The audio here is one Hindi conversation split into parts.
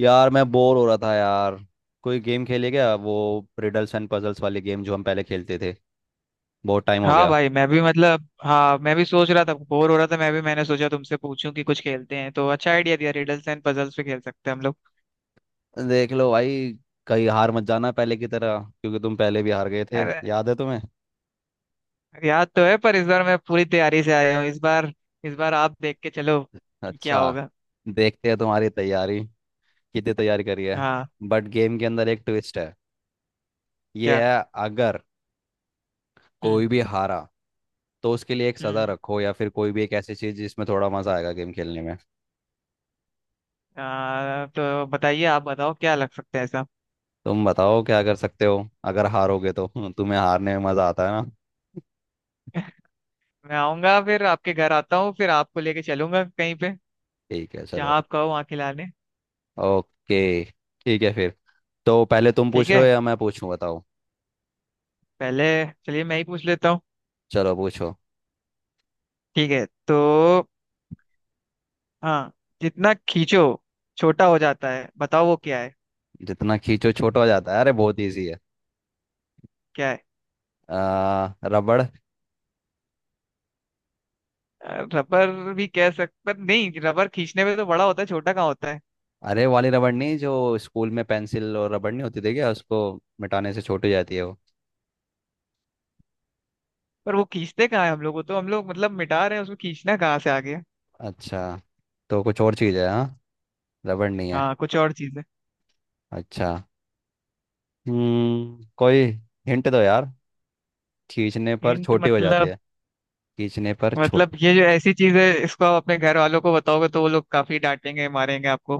यार मैं बोर हो रहा था यार। कोई गेम खेले? क्या वो रिडल्स एंड पजल्स वाली गेम जो हम पहले खेलते थे? बहुत टाइम हो हाँ गया। भाई, मैं भी मतलब हाँ मैं भी सोच रहा था, बोर हो रहा था मैं भी। मैंने सोचा तुमसे पूछूं कि कुछ खेलते हैं, तो अच्छा आइडिया दिया, रिडल्स एंड पजल्स पे खेल सकते हैं हम लोग। देख लो भाई, कहीं हार मत जाना पहले की तरह, क्योंकि तुम पहले भी हार गए थे, अरे, याद है तुम्हें? याद तो है पर इस बार मैं पूरी तैयारी से आया हूँ। इस बार आप देख के चलो कि क्या अच्छा, होगा। देखते हैं तुम्हारी तैयारी, कितनी तैयारी करी है। हाँ। बट गेम के अंदर एक ट्विस्ट है। ये क्या? है, अगर हम्म। कोई भी हारा तो उसके लिए एक सजा हम्म। रखो, या फिर कोई भी एक ऐसी चीज जिसमें थोड़ा मजा आएगा गेम खेलने में। तो बताइए, आप बताओ क्या लग सकता है ऐसा। तुम बताओ, क्या कर सकते हो अगर हारोगे तो तुम्हें हारने में मजा आता है ना। मैं आऊंगा, फिर आपके घर आता हूँ, फिर आपको लेके चलूंगा कहीं पे, ठीक है, चलो। जहाँ आप कहो वहाँ खिलाने। ओके, ठीक है फिर। तो पहले तुम पूछ ठीक रहे हो है। या मैं पूछूं, बताओ। पहले, चलिए मैं ही पूछ लेता हूँ। चलो पूछो। ठीक है तो। हाँ, जितना खींचो छोटा हो जाता है, बताओ वो क्या है। जितना खींचो छोटा हो जाता है? अरे बहुत इजी है। क्या है? रबड़। रबर भी कह सकते पर नहीं, रबर खींचने में तो बड़ा होता है, छोटा कहाँ होता है। अरे वाली रबड़ नहीं? जो स्कूल में पेंसिल और रबड़ नहीं होती थी क्या, उसको मिटाने से छोटी जाती है वो। पर वो खींचते कहाँ है हम लोगों, तो हम लोग मतलब मिटा रहे हैं, उसमें खींचना कहाँ से आ गया। अच्छा, तो कुछ और चीज़ है। हाँ, रबड़ नहीं है। हाँ, कुछ और चीज है। अच्छा। कोई हिंट दो यार। खींचने पर हिंट छोटी हो जाती मतलब? है। खींचने पर मतलब छोटी। ये जो ऐसी चीज है, इसको आप अपने घर वालों को बताओगे तो वो लोग काफी डांटेंगे, मारेंगे आपको।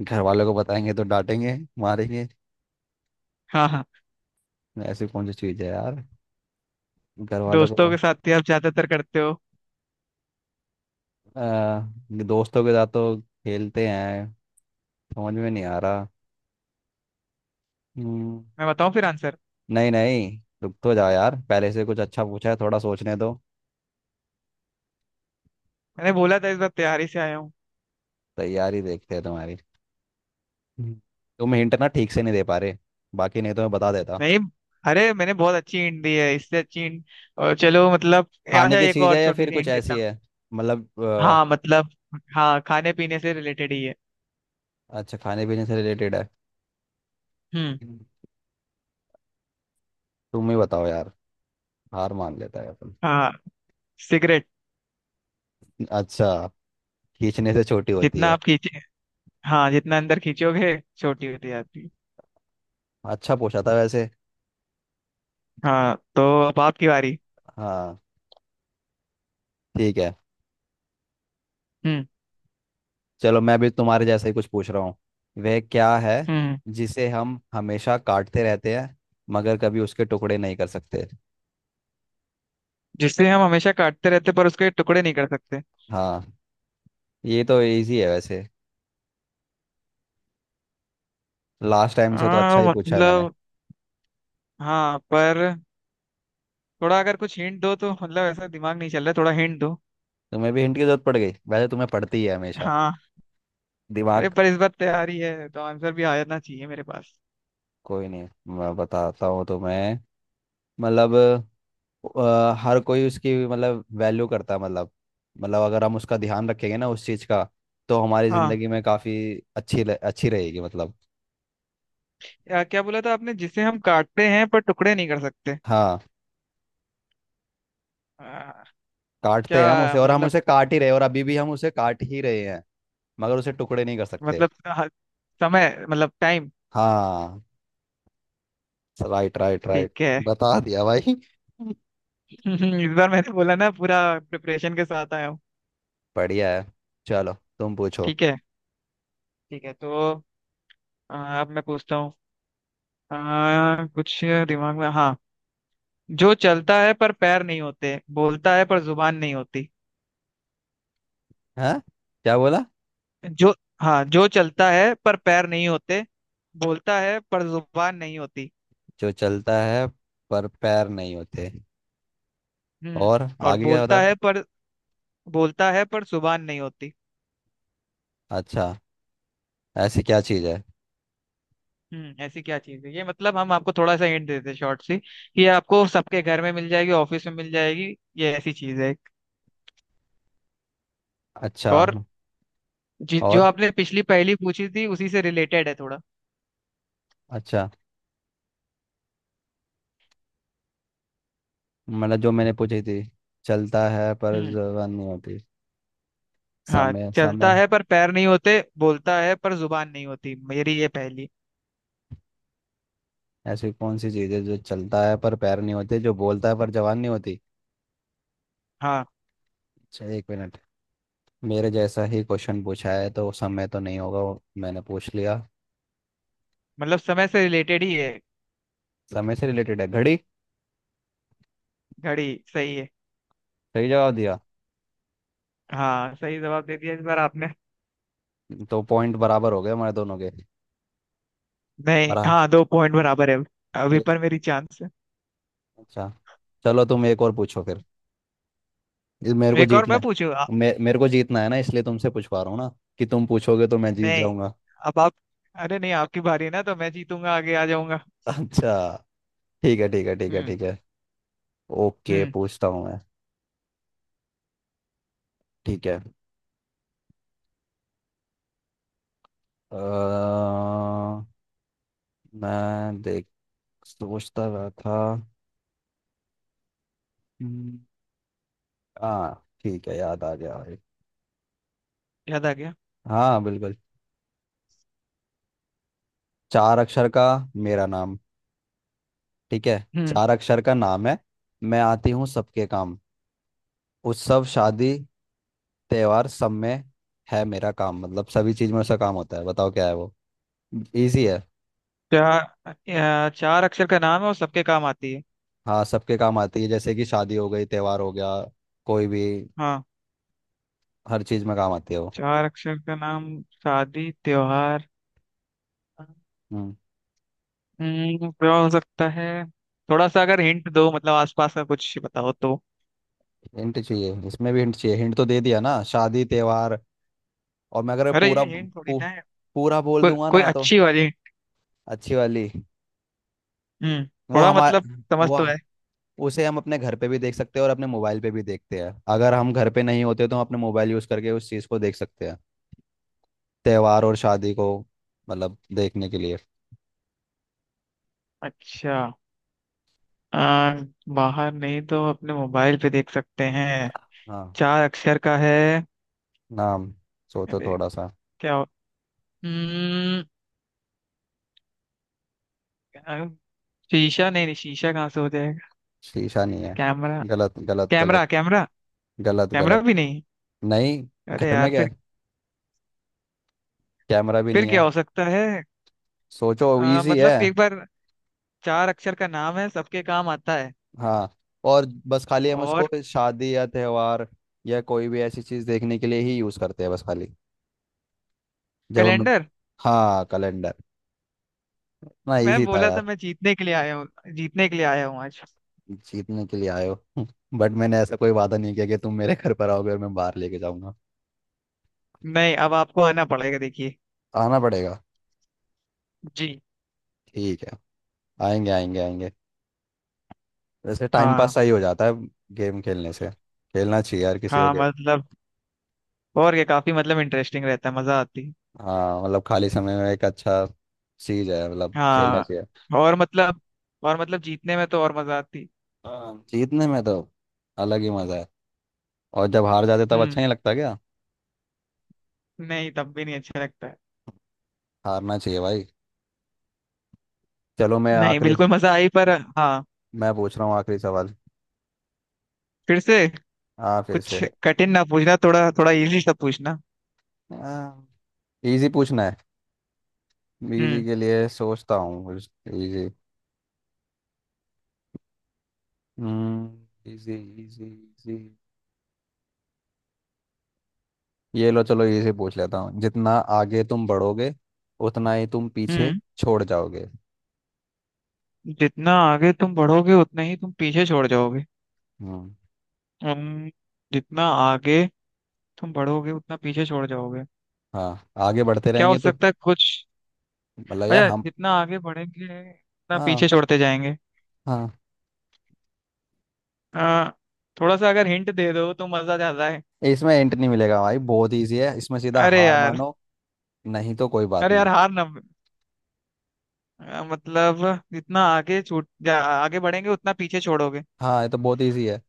घर वालों को बताएंगे तो डांटेंगे मारेंगे? हाँ, हाँ। ऐसी कौन सी चीज़ है यार, घर वालों दोस्तों को। के साथ ही आप ज्यादातर करते हो। आ, दोस्तों के साथ तो खेलते हैं। समझ में नहीं आ रहा। हम्म, मैं बताऊं फिर आंसर? नहीं नहीं, रुक तो जाओ यार, पहले से कुछ अच्छा पूछा है, थोड़ा सोचने दो। मैंने बोला था इस बार तैयारी से आया हूँ। तैयारी देखते हैं तुम्हारी। हम्म। तुम हिंट ना ठीक से नहीं दे पा रहे, बाकी नहीं तो मैं बता देता। नहीं। अरे मैंने बहुत अच्छी हिंट दी है, इससे अच्छी हिंट। और चलो मतलब खाने अच्छा, की एक चीज़ और है या छोटी फिर सी कुछ हिंट देता ऐसी हूँ। है? मतलब हाँ मतलब। हाँ, खाने पीने से रिलेटेड ही है। अच्छा, खाने पीने से रिलेटेड है। हम्म। हम्म। तुम ही बताओ यार, हार मान लेता है अपन। हाँ, सिगरेट। अच्छा, खींचने से छोटी होती जितना है। आप खींचे, हाँ जितना अंदर खींचोगे छोटी होती जाती है। अच्छा पूछा था वैसे। हाँ तो, अब आपकी बारी। हाँ, ठीक है। हम्म। चलो मैं भी तुम्हारे जैसा ही कुछ पूछ रहा हूँ। वह क्या है हम्म। जिसे हम हमेशा काटते रहते हैं मगर कभी उसके टुकड़े नहीं कर सकते? जिसे हम हमेशा काटते रहते पर उसके टुकड़े नहीं कर सकते। हाँ, ये तो इजी है वैसे, लास्ट टाइम से तो अच्छा ही पूछा है मैंने। मतलब हाँ पर, थोड़ा अगर कुछ हिंट दो, तो मतलब ऐसा दिमाग नहीं चल रहा, थोड़ा हिंट दो। तुम्हें भी हिंट की जरूरत पड़ गई? वैसे तुम्हें पड़ती ही है हमेशा। हाँ। अरे दिमाग। पर इस बार तैयारी है तो आंसर भी आ जाना चाहिए मेरे पास। कोई नहीं, मैं बताता हूँ तुम्हें। मतलब हर कोई उसकी मतलब वैल्यू करता है, मतलब मतलब अगर हम उसका ध्यान रखेंगे ना उस चीज़ का, तो हमारी हाँ। ज़िंदगी में काफ़ी अच्छी अच्छी रहेगी मतलब। या क्या बोला था आपने, जिसे हम काटते हैं पर टुकड़े नहीं कर सकते। हाँ, आ, काटते हैं हम क्या उसे, और हम मतलब? उसे काट ही रहे हैं, और अभी भी हम उसे काट ही रहे हैं, मगर उसे टुकड़े नहीं कर सकते। मतलब हाँ, समय मतलब टाइम। हाँ, राइट राइट राइट। ठीक है। बता दिया भाई। इस बार मैंने बोला ना, पूरा प्रिपरेशन के साथ आया हूँ। बढ़िया है। चलो तुम पूछो। ठीक है। ठीक है तो। अब मैं पूछता हूँ। कुछ दिमाग में, हाँ। जो चलता है पर पैर नहीं होते, बोलता है पर जुबान नहीं होती। हाँ। क्या बोला? जो, हाँ, जो चलता है पर पैर नहीं होते, बोलता है पर जुबान नहीं होती। जो चलता है पर पैर नहीं होते, हम्म। और और आगे क्या? बता। बोलता है पर, बोलता है पर जुबान नहीं होती। अच्छा, ऐसी क्या चीज़ है? हम्म। ऐसी क्या चीज है ये? मतलब हम आपको थोड़ा सा हिंट देते हैं शॉर्ट सी, कि ये आपको सबके घर में मिल जाएगी, ऑफिस में मिल जाएगी। ये ऐसी चीज है एक। अच्छा। और जो और? आपने पिछली पहेली पूछी थी उसी से रिलेटेड है थोड़ा। अच्छा, मतलब जो मैंने पूछी थी। चलता है पर हम्म। जबान नहीं होती। हाँ, समय। चलता समय? है पर पैर नहीं होते, बोलता है पर जुबान नहीं होती, मेरी ये पहेली। ऐसी कौन सी चीज़ है जो चलता है पर पैर नहीं होते, जो बोलता है पर जबान नहीं होती? हाँ, अच्छा, एक मिनट। मेरे जैसा ही क्वेश्चन पूछा है, तो समय तो नहीं होगा, वो मैंने पूछ लिया। मतलब समय से रिलेटेड ही है। समय से रिलेटेड है, घड़ी। घड़ी। सही है। सही जवाब दिया। हाँ, सही जवाब दे दिया इस बार आपने। तो पॉइंट बराबर हो गए हमारे दोनों के। नहीं, बरा हाँ, दो पॉइंट बराबर है अभी, एक- पर मेरी चांस है। अच्छा, चलो तुम एक और पूछो फिर। ये मेरे को एक और जीतना मैं है। पूछूं। मेरे को जीतना है ना, इसलिए तुमसे पूछवा रहा हूँ ना, कि तुम पूछोगे तो मैं जीत नहीं, जाऊंगा। अब आप, अरे नहीं आपकी बारी है ना, तो मैं जीतूंगा, आगे आ जाऊंगा। अच्छा, ठीक है ठीक है ठीक है हम्म। ठीक है। ओके, हम्म। पूछता हूँ मैं। ठीक है। अ, मैं देख सोचता रहा था। हम्म। हाँ ठीक है, याद आ गया भाई। याद आ गया। हाँ बिल्कुल। चार अक्षर का मेरा नाम, ठीक है? हम्म। चार अक्षर का नाम है, मैं आती हूँ सबके काम, उत्सव शादी त्योहार सब में है मेरा काम। मतलब सभी चीज में उसका काम होता है, बताओ क्या है वो। इजी है। चार, चार अक्षर का नाम है और सबके काम आती है। हाँ, सबके काम आती है, जैसे कि शादी हो गई, त्योहार हो गया, कोई भी, हाँ, हर चीज में काम आती है वो। चार अक्षर का नाम, शादी, त्योहार। हम्म। हम्म, क्या हो सकता है? थोड़ा सा अगर हिंट दो, मतलब आसपास का कुछ बताओ तो। हिंट चाहिए? इसमें भी हिंट चाहिए? हिंट तो दे दिया ना, शादी त्योहार, और मैं अगर अरे ये हिंट थोड़ी ना है, पूरा बोल कोई दूंगा कोई ना तो। अच्छी वाली। अच्छी वाली? हम्म, वो थोड़ा हमार मतलब, समझ वो तो है। उसे हम अपने घर पे भी देख सकते हैं, और अपने मोबाइल पे भी देखते हैं, अगर हम घर पे नहीं होते तो हम अपने मोबाइल यूज करके उस चीज को देख सकते हैं, त्योहार और शादी को, मतलब देखने के लिए। अच्छा। आ, बाहर नहीं तो अपने मोबाइल पे देख सकते हैं। हाँ, चार अक्षर का है। नाम। सोचो अरे, थोड़ा सा। क्या हो- हम्म, अ, शीशा, नहीं नहीं, शीशा कहाँ से हो जाएगा। शीशा नहीं है। कैमरा, गलत गलत गलत। कैमरा। कैमरा, गलत कैमरा गलत। भी नहीं। नहीं, अरे घर में यार क्या फिर है? कैमरा भी फिर नहीं है। क्या हो सकता है? सोचो, इजी है। मतलब एक बार, चार अक्षर का नाम है, सबके काम आता है हाँ। और बस खाली हम उसको और, शादी या त्योहार या कोई भी ऐसी चीज देखने के लिए ही यूज करते हैं बस खाली, जब हम। कैलेंडर। हाँ, कैलेंडर। ना, मैं इजी था बोला था यार। मैं जीतने के लिए आया हूँ, जीतने के लिए आया हूँ आज। जीतने के लिए आए हो बट मैंने ऐसा कोई वादा नहीं किया कि तुम मेरे घर पर आओगे और मैं बाहर लेके जाऊंगा। नहीं, अब आपको आना पड़ेगा देखिए। आना पड़ेगा। जी। ठीक है, आएंगे आएंगे आएंगे। वैसे टाइम पास हाँ। सही हो जाता है गेम खेलने से। खेलना चाहिए यार किसी को हाँ गेम। मतलब, और क्या, काफी मतलब इंटरेस्टिंग रहता है, मजा आती है। हाँ मतलब, खाली समय में एक अच्छा चीज है, मतलब खेलना हाँ, चाहिए। और मतलब, और मतलब जीतने में तो और मजा आती। हाँ, जीतने में तो अलग ही मजा है। और जब हार जाते तब हम्म। अच्छा नहीं लगता क्या? नहीं, तब भी नहीं अच्छा लगता है। हारना चाहिए भाई। चलो मैं नहीं, आखिरी बिल्कुल मजा आई पर। हाँ, मैं पूछ रहा हूँ आखिरी सवाल। फिर से। हाँ फिर कुछ से। कठिन ना पूछना, थोड़ा थोड़ा इजी सा पूछना। हाँ, इजी पूछना है। इजी हम्म। के लिए सोचता हूँ, कुछ इजी। हम्म, इजी इजी इजी। ये लो, चलो इजी पूछ लेता हूँ। जितना आगे तुम बढ़ोगे, उतना ही तुम पीछे हम्म। छोड़ जाओगे। जितना आगे तुम बढ़ोगे उतना ही तुम पीछे छोड़ जाओगे। हम्म। हम्म, जितना आगे तुम बढ़ोगे उतना पीछे छोड़ जाओगे, हाँ, आगे बढ़ते क्या हो रहेंगे तो। सकता है कुछ। मतलब यार अच्छा, हम। जितना आगे बढ़ेंगे उतना हाँ पीछे छोड़ते जाएंगे। हाँ, आ, थोड़ा सा अगर हिंट दे दो तो मजा ज्यादा है। इसमें एंट नहीं मिलेगा भाई, बहुत इजी है इसमें, सीधा अरे हार यार। मानो, नहीं तो कोई बात अरे नहीं। यार, हार ना। मतलब जितना आगे आगे बढ़ेंगे उतना पीछे छोड़ोगे। हाँ ये तो बहुत इजी है,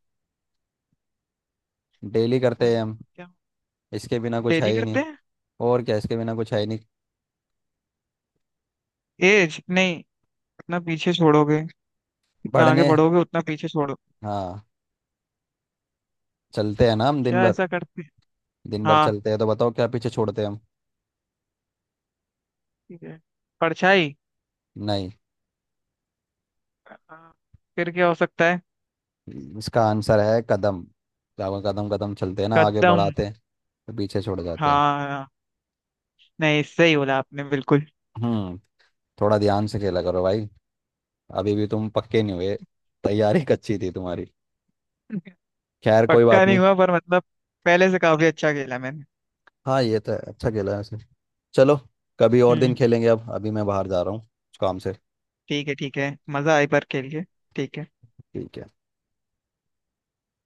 डेली अ, करते हैं हम, क्या? इसके बिना कुछ है डेली ही करते नहीं। हैं? और क्या, इसके बिना कुछ है ही नहीं। एज नहीं। उतना पीछे छोड़ोगे, जितना आगे बढ़ने। बढ़ोगे उतना पीछे छोड़ो। हाँ, चलते हैं ना हम दिन क्या भर। ऐसा करते हैं? दिन भर हाँ, चलते हैं, तो बताओ क्या पीछे छोड़ते हैं हम? ठीक है। परछाई। नहीं। अ, फिर क्या हो सकता है? इसका आंसर है कदम। क्या वो, कदम कदम चलते हैं ना, आगे कदम। बढ़ाते हैं, तो पीछे छोड़ जाते हैं। हाँ। नहीं, सही बोला आपने बिल्कुल। हम्म। थोड़ा ध्यान से खेला करो भाई, अभी भी तुम पक्के नहीं हुए, तैयारी कच्ची थी तुम्हारी। खैर कोई पक्का बात नहीं नहीं। हुआ पर मतलब, पहले से काफी अच्छा खेला मैंने। हाँ ये तो है, अच्छा खेला है वैसे। चलो, कभी और दिन हम्म। खेलेंगे, अब अभी मैं बाहर जा रहा हूँ काम से। ठीक है, ठीक है। मजा आई पर खेल के। ठीक है। ठीक है।